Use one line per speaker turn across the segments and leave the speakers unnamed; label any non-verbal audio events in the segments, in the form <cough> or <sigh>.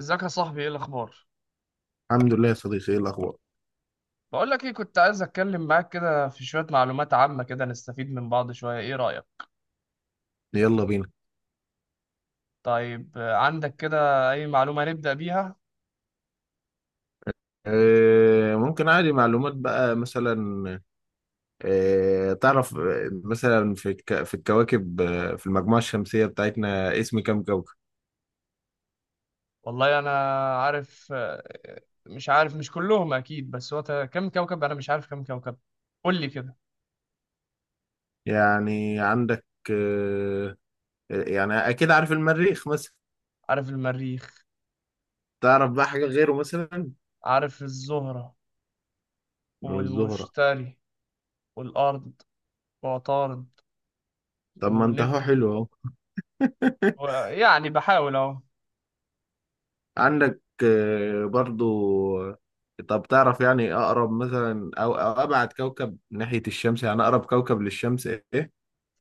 ازيك يا صاحبي؟ ايه الاخبار؟
الحمد لله يا صديقي، ايه الاخبار؟
بقول لك ايه، كنت عايز اتكلم معاك كده في شويه معلومات عامه كده نستفيد من بعض شويه. ايه رايك؟
يلا بينا.
طيب، عندك كده اي معلومه نبدا بيها؟
ممكن عادي معلومات بقى مثلا. تعرف، مثلا في الكواكب، في المجموعة الشمسية بتاعتنا اسم كام كوكب؟
والله انا عارف، مش عارف، مش كلهم اكيد، بس هو كم كوكب، انا مش عارف كم كوكب. قول لي كده.
يعني عندك آه، يعني اكيد عارف المريخ مثلا.
عارف المريخ،
تعرف بقى حاجة غيره مثلا؟
عارف الزهره
الزهرة.
والمشتري والارض وعطارد
طب ما انت اهو،
ونبتون.
حلو اهو. <laughs>
يعني بحاول اهو.
عندك برضو آه، طب تعرف يعني اقرب مثلا أو ابعد كوكب ناحية الشمس، يعني اقرب كوكب للشمس ايه؟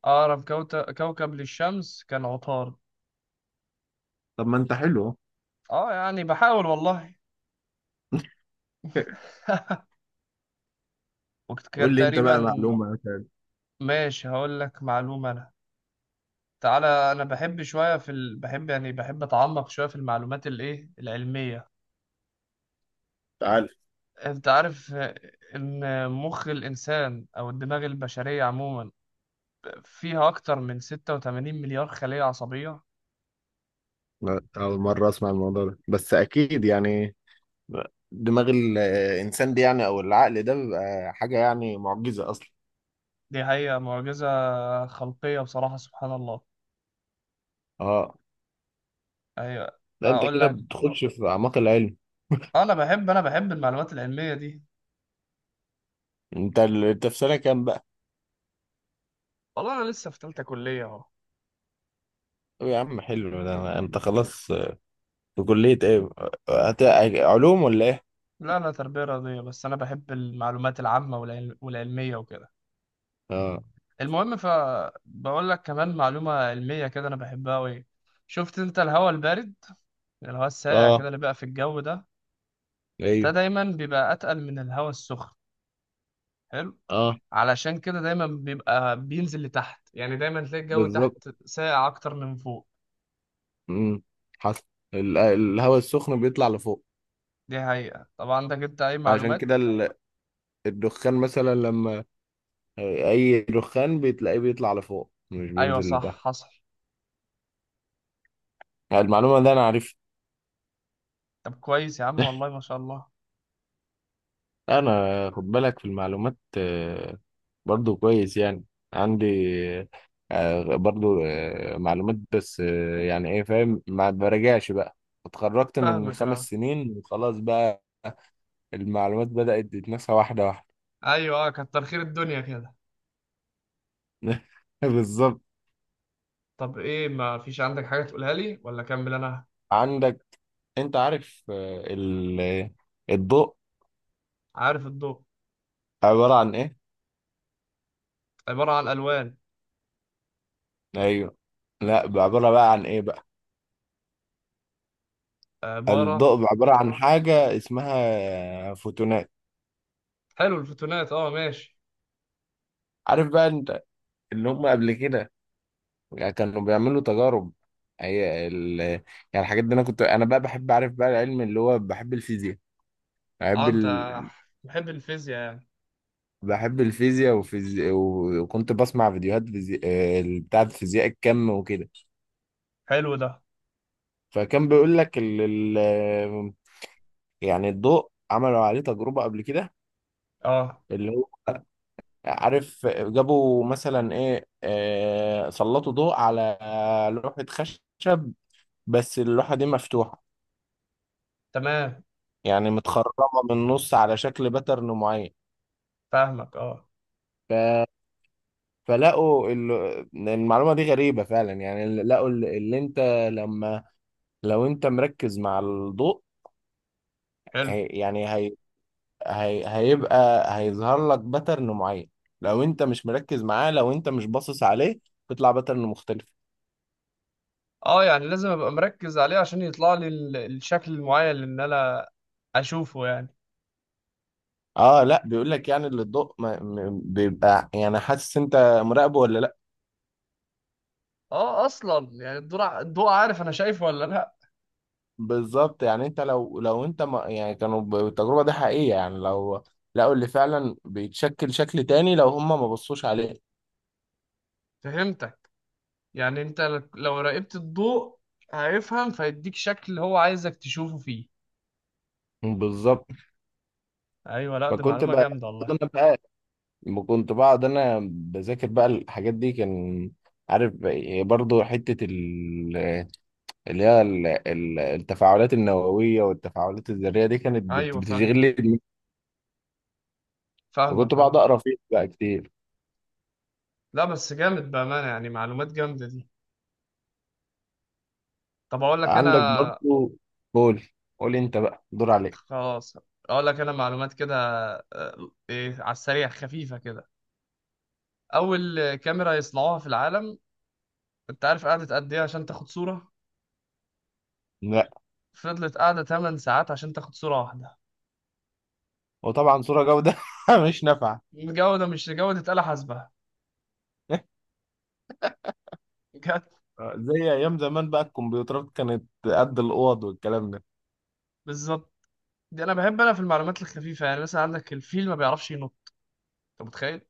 اقرب كوكب للشمس كان عطارد.
طب ما انت حلو.
اه يعني بحاول والله.
<laughs>
وقت كان
قول لي انت
تقريبا.
بقى معلومة مثلا.
ماشي، هقول لك معلومة أنا. تعالى، أنا بحب أتعمق شوية في المعلومات الإيه العلمية.
تعال.
أنت عارف، إن مخ الإنسان أو الدماغ البشرية عموما فيها أكتر من 86 مليار خلية عصبية.
لا، أول مرة أسمع الموضوع ده، بس أكيد يعني دماغ الإنسان دي يعني أو العقل ده بيبقى حاجة يعني معجزة أصلا.
دي حقيقة معجزة خلقية بصراحة. سبحان الله.
أه.
أيوة.
لا أنت
أقول
كده
لك،
بتخش في أعماق العلم.
أنا بحب المعلومات العلمية دي.
أنت في سنة كام بقى؟
والله أنا لسه في تالتة كلية.
طب يا عم حلو
أهو.
ده أنت خلاص. في كلية إيه؟ هت... علوم ولا إيه؟
لا، أنا تربية رياضية، بس أنا بحب المعلومات العامة والعلمية وكده.
أه.
المهم، فبقول لك كمان معلومة علمية كده أنا بحبها أوي. شفت أنت الهواء البارد، الهواء الساقع
أه.
كده اللي بقى في الجو ده؟ ده
أيوه.
دايما بيبقى أتقل من الهواء السخن. حلو.
أه.
علشان كده دايما بيبقى بينزل لتحت، يعني دايما تلاقي الجو
بالظبط.
تحت ساقع أكتر من فوق.
امم حصل. الهواء السخن بيطلع لفوق،
دي حقيقة. طب عندك أنت أي
عشان
معلومات؟
كده الدخان مثلا، لما اي دخان بتلاقيه بيطلع لفوق مش
أيوة
بينزل
صح،
لتحت.
حصل.
يعني المعلومه دي انا عارفها.
طب كويس يا عم، والله ما شاء الله.
انا خد بالك في المعلومات برضو كويس يعني. عندي برضو معلومات، بس يعني ايه فاهم، ما براجعش بقى. اتخرجت من
فاهمك أه.
5 سنين وخلاص بقى، المعلومات بدأت تتنسى واحدة واحدة.
أيوة أه، كتر خير الدنيا كده.
<laughs> بالظبط.
طب ايه، ما فيش عندك حاجة تقولها لي ولا اكمل انا؟
عندك، انت عارف الضوء
عارف الضوء
عبارة عن ايه؟
عبارة عن الوان.
ايوه. لا، بقى عبارة بقى عن ايه بقى؟
عبارة
الضوء عبارة عن حاجة اسمها فوتونات.
حلو، الفوتونات اه ماشي.
عارف بقى انت اللي هم قبل كده، يعني كانوا بيعملوا تجارب. يعني الحاجات دي انا كنت انا بقى بحب اعرف بقى العلم، اللي هو بحب الفيزياء.
اه،
بحب
انت
ال...
محب الفيزياء يعني.
بحب الفيزياء وكنت بسمع فيديوهات فيزي... آه، بتاعة فيزياء الكم وكده.
حلو ده.
فكان بيقول لك ال... يعني الضوء عملوا عليه تجربة قبل كده،
اه.
اللي هو عارف، جابوا مثلا ايه سلطوا ضوء على لوحة خشب، بس اللوحة دي مفتوحة
تمام.
يعني متخرمة من النص على شكل باترن معين.
فاهمك اه.
ف... فلقوا المعلومة دي غريبة فعلا، يعني لقوا اللي انت لما لو انت مركز مع الضوء،
حلو.
هي... يعني هي... هي... هيبقى هيظهر لك باترن معين. لو انت مش مركز معاه، لو انت مش باصص عليه، بيطلع باترن مختلف.
اه، يعني لازم ابقى مركز عليه عشان يطلع لي الشكل المعين اللي إن انا اشوفه يعني.
اه لا، بيقول لك يعني اللي الضوء ما م- بيبقى يعني حاسس انت مراقبه ولا لا.
اه اصلا يعني الضوء الضوء عارف انا شايفه ولا لا.
بالظبط. يعني انت لو انت ما يعني كانوا التجربه دي حقيقيه، يعني لو لقوا اللي فعلا بيتشكل شكل تاني لو هم ما بصوش عليه.
فهمتك. يعني انت لو راقبت الضوء هيفهم فيديك شكل هو عايزك تشوفه فيه.
بالظبط.
ايوه، لا دي
فكنت
معلومه
بقى،
جامده والله.
انا بقى كنت بقعد انا بذاكر بقى الحاجات دي، كان عارف. برضو حتة اللي هي التفاعلات النووية والتفاعلات الذرية دي كانت
ايوه
بتشغل
فاهمك
لي دماغي. وكنت
فاهمك
بقعد
اه.
أقرأ فيها بقى كتير.
لا بس جامد بامانه، يعني معلومات جامده دي. طب اقول لك انا.
عندك برضو. قول قول انت بقى دور عليك.
خلاص، اقول لك انا معلومات كده. ايه على السريع، خفيفه كده. اول كاميرا يصنعوها في العالم، انت عارف قعدت قد ايه عشان تاخد صوره؟
لا.
فضلت قاعده 8 ساعات عشان تاخد صوره واحده.
وطبعا صورة جودة <laughs> مش نافعة.
جوده مش جوده آلة حاسبه.
<laughs>
جت.
زي ايام زمان بقى، الكمبيوترات كانت قد الاوض والكلام ده.
بالظبط. دي انا بحب، انا في المعلومات الخفيفه يعني. مثلا عندك الفيل ما بيعرفش ينط، انت متخيل؟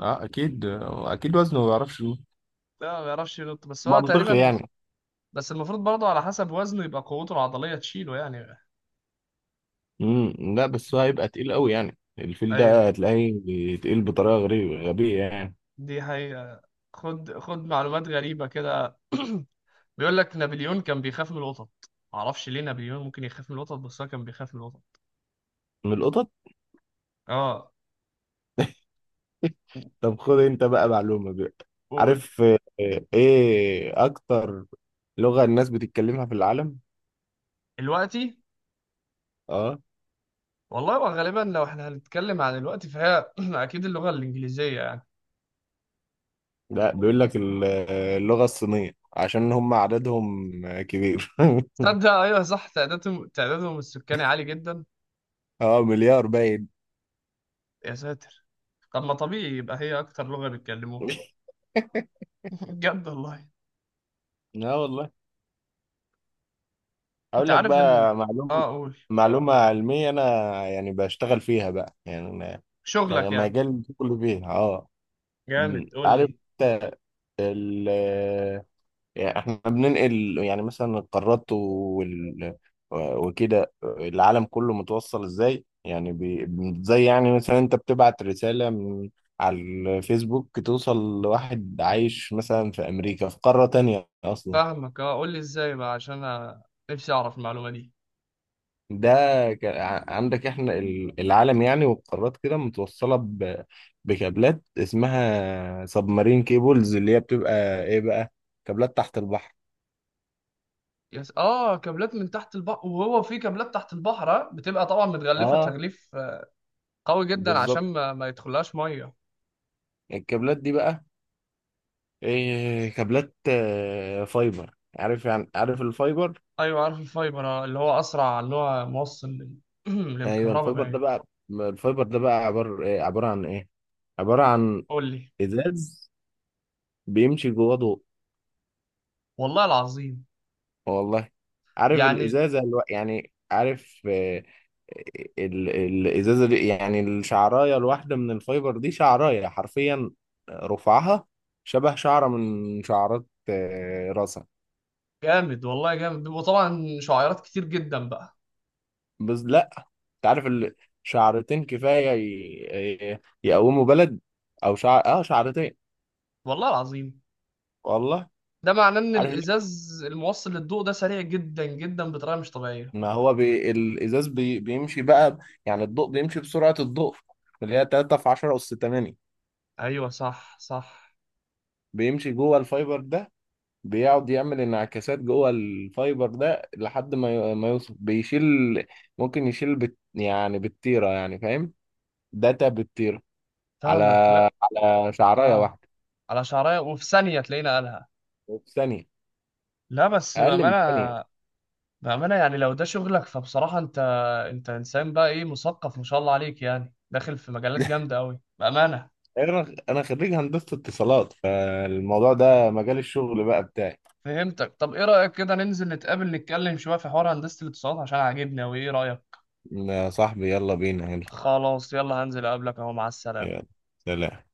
اه اكيد. اكيد وزنه ما بيعرفش يقول.
لا ما بيعرفش ينط، بس هو
منطقي
تقريبا،
يعني.
بس المفروض برضه على حسب وزنه يبقى قوته العضلية تشيله يعني.
لا بس هو هيبقى تقيل قوي، يعني الفيل
ايوه.
ده هتلاقيه تقيل بطريقة غريبة غبية يعني.
دي حقيقة. خد معلومات غريبة كده. <clears throat> بيقول لك نابليون كان بيخاف من القطط، معرفش ليه نابليون ممكن يخاف من القطط، بس هو كان بيخاف من القطط.
من القطط.
اه
طب خد انت بقى معلومة بقى.
قول.
عارف ايه اكتر لغة الناس بتتكلمها في العالم؟
دلوقتي.
اه.
والله، وغالبا لو احنا هنتكلم عن الوقت فهي <clears throat> اكيد اللغة الإنجليزية يعني.
لا، بيقول لك اللغة الصينية، عشان هم عددهم كبير.
تصدق، ايوه صح، تعدادهم السكاني عالي جدا.
<laughs> اه مليار باين.
يا ساتر، طب ما طبيعي يبقى هي اكتر لغة بيتكلموها. <laughs> بجد والله.
اه والله.
انت
اقول لك
عارف ان،
بقى
اه
معلومة.
قول.
معلومة علمية، انا يعني بشتغل فيها بقى يعني أنا
شغلك يعني.
مجال كله فيها اه. م،
جامد، قول
عارف
لي.
انت ال- يعني احنا بننقل يعني مثلا القارات وكده العالم كله متوصل ازاي يعني زي يعني مثلا انت بتبعت رسالة من على الفيسبوك توصل لواحد عايش مثلا في امريكا في قارة تانية اصلا.
فاهمك اه، قول لي ازاي بقى عشان انا نفسي اعرف المعلومه دي.
ده عندك احنا العالم يعني والقارات كده متوصلة بكابلات اسمها سبمارين كيبلز، اللي هي بتبقى ايه بقى؟ كابلات تحت البحر.
يس اه، كابلات من تحت البحر، وهو في كابلات تحت البحر بتبقى طبعا متغلفه
اه
تغليف قوي جدا عشان
بالظبط.
ما يدخلهاش ميه.
الكابلات دي بقى، إيه، كابلات فايبر، عارف يعني، عارف الفايبر.
ايوه عارف الفايبر، اللي هو اسرع، اللي هو موصل <clears throat>
ايوه
للكهرباء
الفايبر ده
باين.
بقى، الفايبر ده بقى عبارة إيه، عبارة عن ايه، عبارة عن
قول لي.
ازاز بيمشي جواه ضوء.
والله العظيم.
والله. عارف
يعني
الازازة يعني عارف الازازة دي، يعني الشعراية الواحدة من الفايبر دي شعراية حرفيا، رفعها شبه شعرة من شعرات راسك.
جامد والله، جامد بيبقوا طبعا شعيرات كتير جدا بقى.
بس لا، انت عارف شعرتين كفايه يقوموا بلد، او شعر اه شعرتين.
والله العظيم.
والله.
ده معناه ان
عارف ليه؟
الازاز الموصل للضوء ده سريع جدا جدا بطريقه مش طبيعيه.
ما هو الازاز بيمشي بقى، يعني الضوء بيمشي بسرعه الضوء اللي هي 3 في 10 اس 8.
ايوه صح صح.
بيمشي جوه الفايبر ده، بيقعد يعمل انعكاسات جوه الفايبر ده لحد ما ما يوصل بيشيل، ممكن يشيل يعني بالتيره يعني فاهم، داتا بالتيره على
فاهمك، لا.
على شعرايه
اه،
واحده
على شعريه وفي ثانيه تلاقينا قالها.
في ثانيه.
لا بس
اقل من ثانيه.
بامانه، بامانه يعني لو ده شغلك فبصراحه انت انسان بقى ايه مثقف ما شاء الله عليك، يعني داخل في مجالات جامده قوي بامانه.
يعني انا خريج هندسه اتصالات، فالموضوع ده مجال الشغل بقى بتاعي.
فهمتك. طب ايه رايك كده ننزل نتقابل نتكلم شويه في حوار هندسه الاتصالات عشان عاجبني قوي؟ ايه رايك؟
يا صاحبي يلا بينا يلا.
خلاص، يلا هنزل اقابلك اهو. مع السلامه.
يلا سلام.